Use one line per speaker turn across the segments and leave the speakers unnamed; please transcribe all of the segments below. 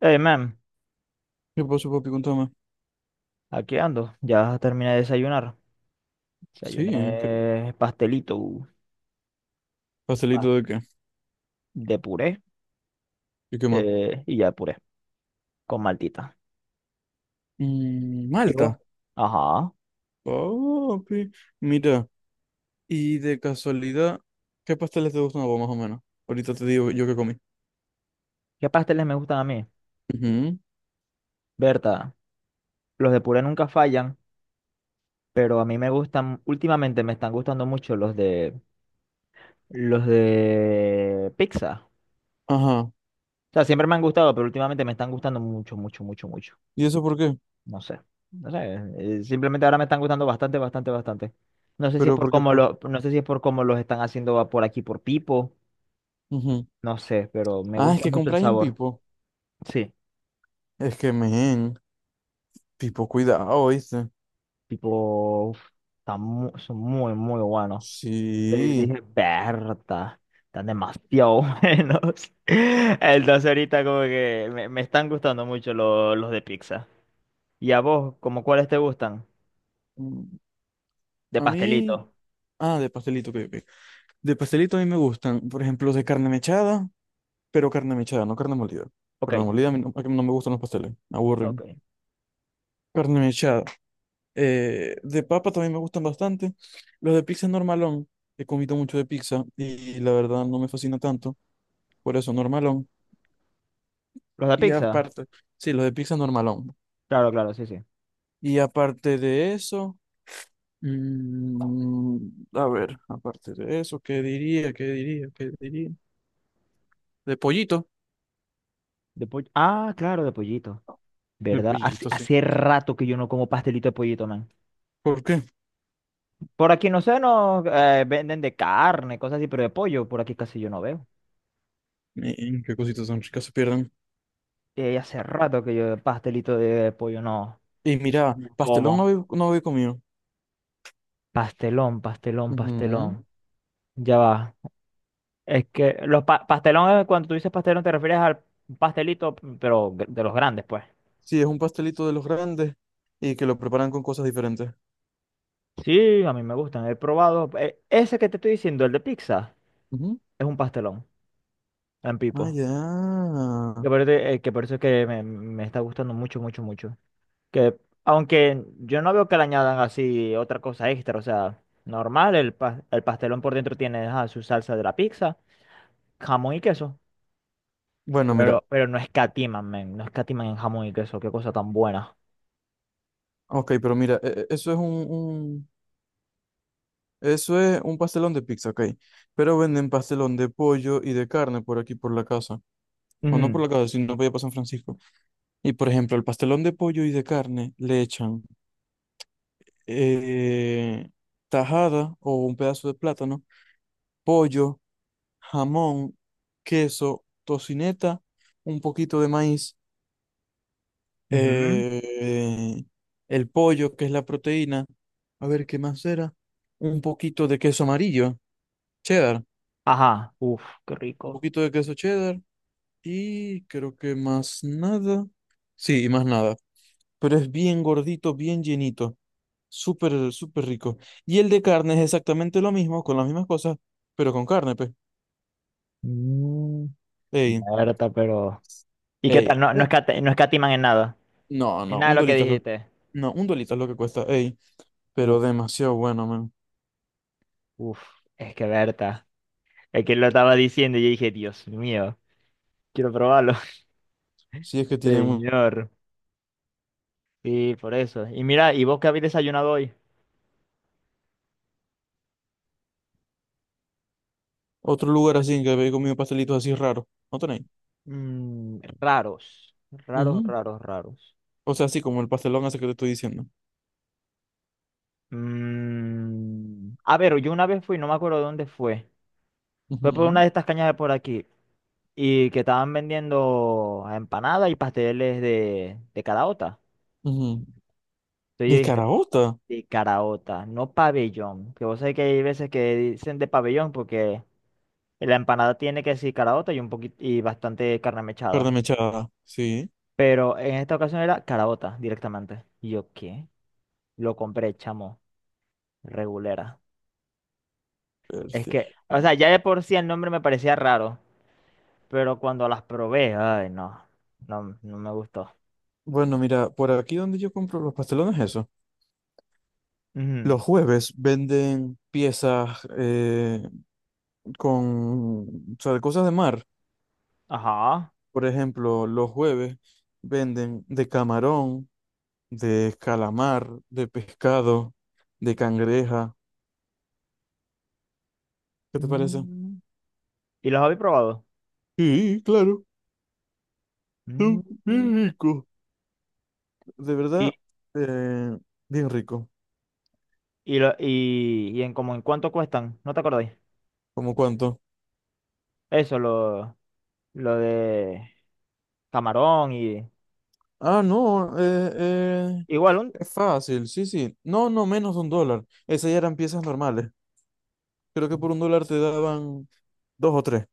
Hey, man,
¿Qué pasó, papi? Contame.
aquí ando. Ya terminé de desayunar.
Sí, ¿qué-
Desayuné pastelito
¿pastelito de
pas-
qué?
de puré
¿Y qué más?
y ya puré con maltita.
Mm,
¿Y vos?
Malta.
Ajá.
Papi, mira, y de casualidad, ¿qué pasteles te gustan a vos más o menos? Ahorita te digo yo qué comí.
¿Qué pasteles me gustan a mí?
Ujú.
Berta, los de puré nunca fallan, pero a mí me gustan, últimamente me están gustando mucho los de pizza.
Ajá.
O sea, siempre me han gustado, pero últimamente me están gustando mucho, mucho, mucho, mucho.
¿Y eso por qué?
No sé. No sé. Simplemente ahora me están gustando bastante, bastante, bastante.
Pero porque pues.
No sé si es por cómo los están haciendo por aquí por Pipo.
Ujú.
No sé, pero me
Ah, es
gusta
que
mucho el
compráis en
sabor.
Pipo.
Sí,
Es que, men, Pipo, cuidado, ¿viste?
tipo, uf, son muy, muy buenos. Entonces
Sí.
dije, Berta, están demasiado buenos. Entonces ahorita como que me están gustando mucho los de pizza. ¿Y a vos, como cuáles te gustan?
Mm.
De
A
pastelito.
mí. Ah, de pastelito, que de pastelito a mí me gustan, por ejemplo, de carne mechada. Pero carne mechada, no carne molida.
Ok,
Carne molida a mí no me gustan los pasteles, me
ok.
aburren. Carne mechada. De papa también me gustan bastante. Los de pizza es normalón. He comido mucho de pizza y la verdad no me fascina tanto. Por eso, normalón.
¿Los de
Y
pizza?
aparte, sí, los de pizza normalón.
Claro, claro, sí, sí.
Y aparte de eso, mm, a ver, aparte de eso, ¿qué diría? ¿Qué diría? ¿Qué diría? De pollito.
De pollo. Ah, claro, de pollito.
De
¿Verdad? Hace,
pollito, sí.
hace rato que yo no como pastelito de pollito, man.
¿Por qué?
Por aquí no sé, nos venden de carne, cosas así, pero de pollo por aquí casi yo no veo.
Mm, ¿qué cositas tan ricas se pierden?
Y hace rato que yo pastelito de pollo no,
Y mira,
no
pastelón no
como.
había, no había comido.
Pastelón, pastelón,
Ujú.
pastelón. Ya va. Es que pastelón, cuando tú dices pastelón, te refieres al pastelito, pero de los grandes, pues.
Sí, es un pastelito de los grandes y que lo preparan con cosas diferentes.
Sí, a mí me gustan, he probado. Ese que te estoy diciendo, el de pizza,
Ujú.
es un pastelón en
Ah,
pipo.
ya.
Que aparte, que por eso es que me está gustando mucho, mucho, mucho. Que aunque yo no veo que le añadan así otra cosa extra, o sea, normal, el pastelón por dentro tiene ajá, su salsa de la pizza, jamón y queso.
Bueno, mira.
Pero no escatiman, men, no escatiman en jamón y queso, qué cosa tan buena.
Ok, pero mira, eso es eso es un pastelón de pizza, ok. Pero venden pastelón de pollo y de carne por aquí, por la casa. O no por la casa, sino por allá por San Francisco. Y por ejemplo, el pastelón de pollo y de carne le echan eh, tajada o un pedazo de plátano, pollo, jamón, queso, tocineta, un poquito de maíz,
Ujú, ujú.
eh, el pollo, que es la proteína. A ver, ¿qué más era? Un poquito de queso amarillo, cheddar,
Ajá, uff, qué
un
rico.
poquito de queso cheddar y creo que más nada. Sí, y más nada. Pero es bien gordito, bien llenito. Súper, súper rico. Y el de carne es exactamente lo mismo, con las mismas cosas, pero con carne, pues.
Mm,
Ey,
Berta, pero. ¿Y qué tal?
ey.
No, no,
Un-
no escatiman en nada.
no,
En
no,
nada de
un
lo que
dolito es lo que...
dijiste.
No, un dolito es lo que cuesta, ey, pero
Uf,
demasiado bueno, man.
uf, es que Berta. Es que él lo estaba diciendo y yo dije, Dios mío, quiero probarlo.
Si es que tienen un-
Señor. Sí, por eso. Y mira, ¿y vos qué habéis desayunado hoy?
otro lugar así en que habéis comido pastelitos así raros, ¿no tenéis?
Mm, raros, raros,
Ujú.
raros, raros.
O sea, así como el pastelón ese que te estoy diciendo.
Mm, a ver, yo una vez fui, no me acuerdo de dónde fue. Fue por una
Ujú,
de estas cañas de por aquí. Y que estaban vendiendo empanadas y pasteles de caraota.
ujú.
Entonces yo
De
dije,
caraota,
de caraota, no pabellón. Que vos sabés que hay veces que dicen de pabellón porque la empanada tiene que decir caraota y un poquito y bastante carne
carne
mechada.
mechada, sí.
Pero en esta ocasión era caraota directamente. Y yo, ¿qué? Lo compré, chamo. Regulera. Es
Bestia.
que, o sea, ya de por sí el nombre me parecía raro. Pero cuando las probé, ay, no. No, no me gustó.
Bueno, mira, por aquí donde yo compro los pastelones, eso.
Ujú.
Los jueves venden piezas con, o sea, de cosas de mar.
Ajá.
Por ejemplo, los jueves venden de camarón, de calamar, de pescado, de cangreja. ¿Qué te parece?
Mm. ¿Y los habéis probado?
Sí, claro,
Mm.
son bien rico. De verdad,
Y,
eh, bien rico.
y en como en cuánto cuestan, ¿no te acordáis?
¿Cómo cuánto?
Eso, lo, lo de camarón y
Ah, no,
igual un,
es fácil, sí, sí. No, no, menos de un dólar. Esas ya eran piezas normales. Creo que por un dólar te daban dos o tres.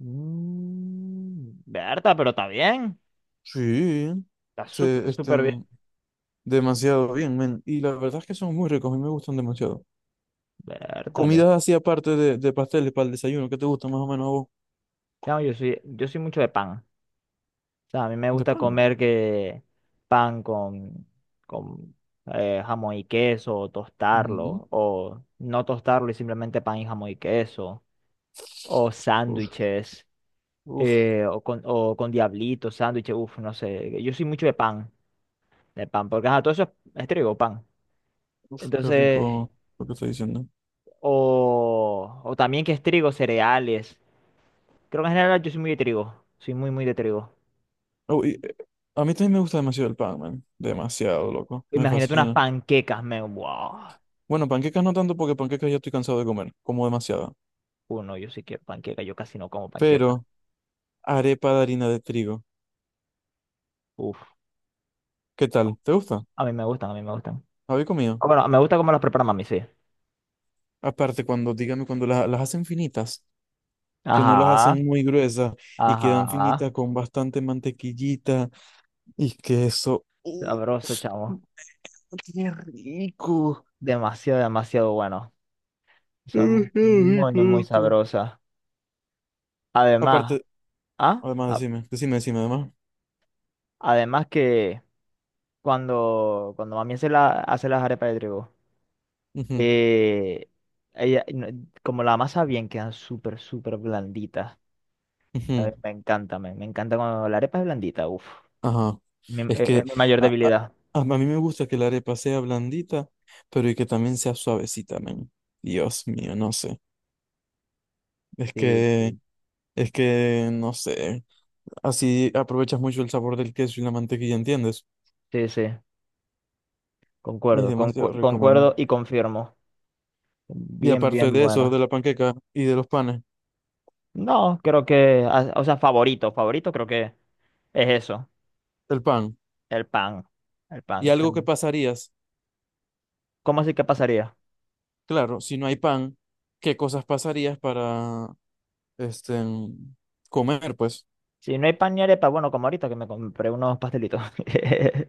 Mm, Berta, pero está bien.
Sí,
Está
se
súper, súper bien.
estén demasiado bien, men. Y la verdad es que son muy ricos, a mí me gustan demasiado.
Bertale.
Comidas así aparte de pasteles para el desayuno, ¿qué te gusta más o menos a vos?
No, yo soy mucho de pan. O sea, a mí me
De
gusta
pan.
comer que pan con jamón y queso, o
Mm,
tostarlo, o no tostarlo y simplemente pan y jamón y queso, o
uf,
sándwiches,
uf,
o con diablitos, sándwiches, uff, no sé. Yo soy mucho de pan, porque ajá, todo eso es trigo, pan.
uf, qué
Entonces,
rico lo que está diciendo.
o también que es trigo, cereales. Creo que en general yo soy muy de trigo. Soy muy, muy de trigo.
Oh, y, a mí también me gusta demasiado el pan, man. Demasiado, loco. Me
Imagínate unas
fascina.
panquecas, me. ¡Wow!
Bueno, panquecas no tanto porque panquecas ya estoy cansado de comer. Como demasiada.
No, yo sí quiero panqueca. Yo casi no como panqueca.
Pero arepa de harina de trigo.
Uf.
¿Qué
No.
tal? ¿Te gusta?
A mí me gustan, a mí me gustan.
¿Habéis comido?
Ah, bueno, me gusta cómo las prepara mami, sí.
Aparte, cuando, dígame, cuando la- las hacen finitas, que no las
Ajá,
hacen muy gruesas y quedan
ajá.
finitas con bastante mantequillita y queso.
Sabroso, chamo.
¡Qué rico!
Demasiado, demasiado bueno. Son
Demasiado
muy,
rico,
muy muy
loco.
sabrosas. Además,
Aparte,
¿ah?
además, decime, decime, decime, además.
Además que cuando mami hace las arepas de trigo.
Ujú,
Eh, ella- no- como la masa bien, quedan súper, súper blanditas. A
ujú,
ver, me encanta, me encanta cuando la arepa es blandita. Uf,
ajá. Es que
Es mi mayor
a,
debilidad.
a mí me gusta que la arepa sea blandita, pero y que también sea suavecita, men. Dios mío, no sé. Es
Sí,
que,
sí,
es que, no sé. Así aprovechas mucho el sabor del queso y la mantequilla, ¿entiendes?
sí, sí,
Y es demasiado rico, man.
concuerdo y confirmo.
Y
Bien,
aparte
bien
de eso, de
buena.
la panqueca y de los panes,
No, creo que, ah, o sea, favorito creo que es eso,
el pan.
el pan. El
Y
pan. Sí.
algo que pasarías,
¿Cómo así que pasaría?
claro, si no hay pan, ¿qué cosas pasarías para este, comer, pues.
Si no hay pan ni arepa, bueno, como ahorita que me compré unos pastelitos.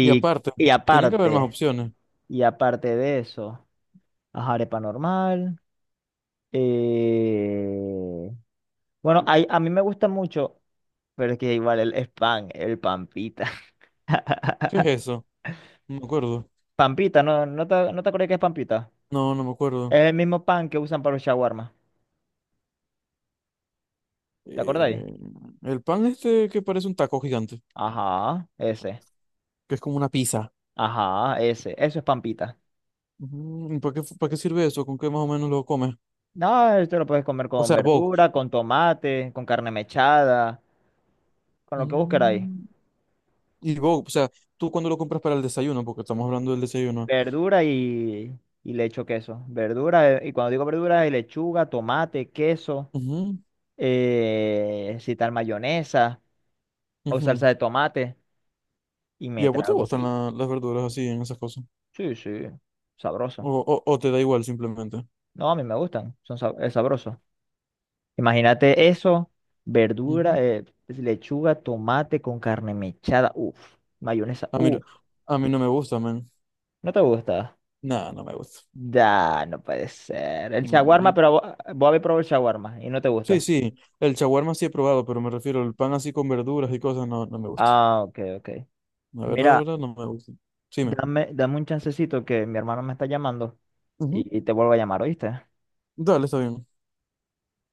Y aparte,
y
tiene que haber más
aparte,
opciones.
y aparte de eso, ajá, arepa normal. Eh, Bueno, a mí me gusta mucho, pero es que igual es pan, el pampita.
¿Qué es eso? No me acuerdo.
Pampita, ¿no te acordás que es pampita?
No, no me acuerdo.
Es el mismo pan que usan para los shawarma. ¿Te acordáis?
Eh, el pan este que parece un taco gigante,
Ajá, ese.
que es como una pizza.
Ajá, ese. Eso es pampita.
Mm, ¿para qué, para qué sirve eso? ¿Con qué más o menos lo comes?
No, esto lo puedes comer
O
con
sea, Vogue.
verdura, con tomate, con carne mechada, con lo que vos queráis.
Mm, y Vogue, o sea, tú cuando lo compras para el desayuno, porque estamos hablando del desayuno.
Verdura y le echo queso. Verdura, y cuando digo verdura, es lechuga, tomate, queso,
Ujú,
si tal mayonesa o salsa
ujú.
de tomate. Y
¿Y
me
a vos te
trago.
gustan la- las verduras así en esas cosas?
Sí, sí, sabroso.
O te da igual simplemente?
No, a mí me gustan, es sabroso. Imagínate eso,
Ujú.
verdura, lechuga, tomate con carne mechada, uff, mayonesa,
A mí, no- a mí no me gusta, man.
¿no te gusta?
No, no me gusta.
Ya, no puede ser. El
Mm,
shawarma,
mm.
pero vos, vos habéis probado el shawarma y no te
Sí,
gusta.
sí, el shawarma sí he probado, pero me refiero al pan así con verduras y cosas, no, no me gusta.
Ah, ok, ok.
La
Mira,
verdad, no me gusta. Sí, me.
dame, dame un chancecito que mi hermano me está llamando
Ujú.
y te vuelvo a llamar, ¿oíste?
Dale, está bien.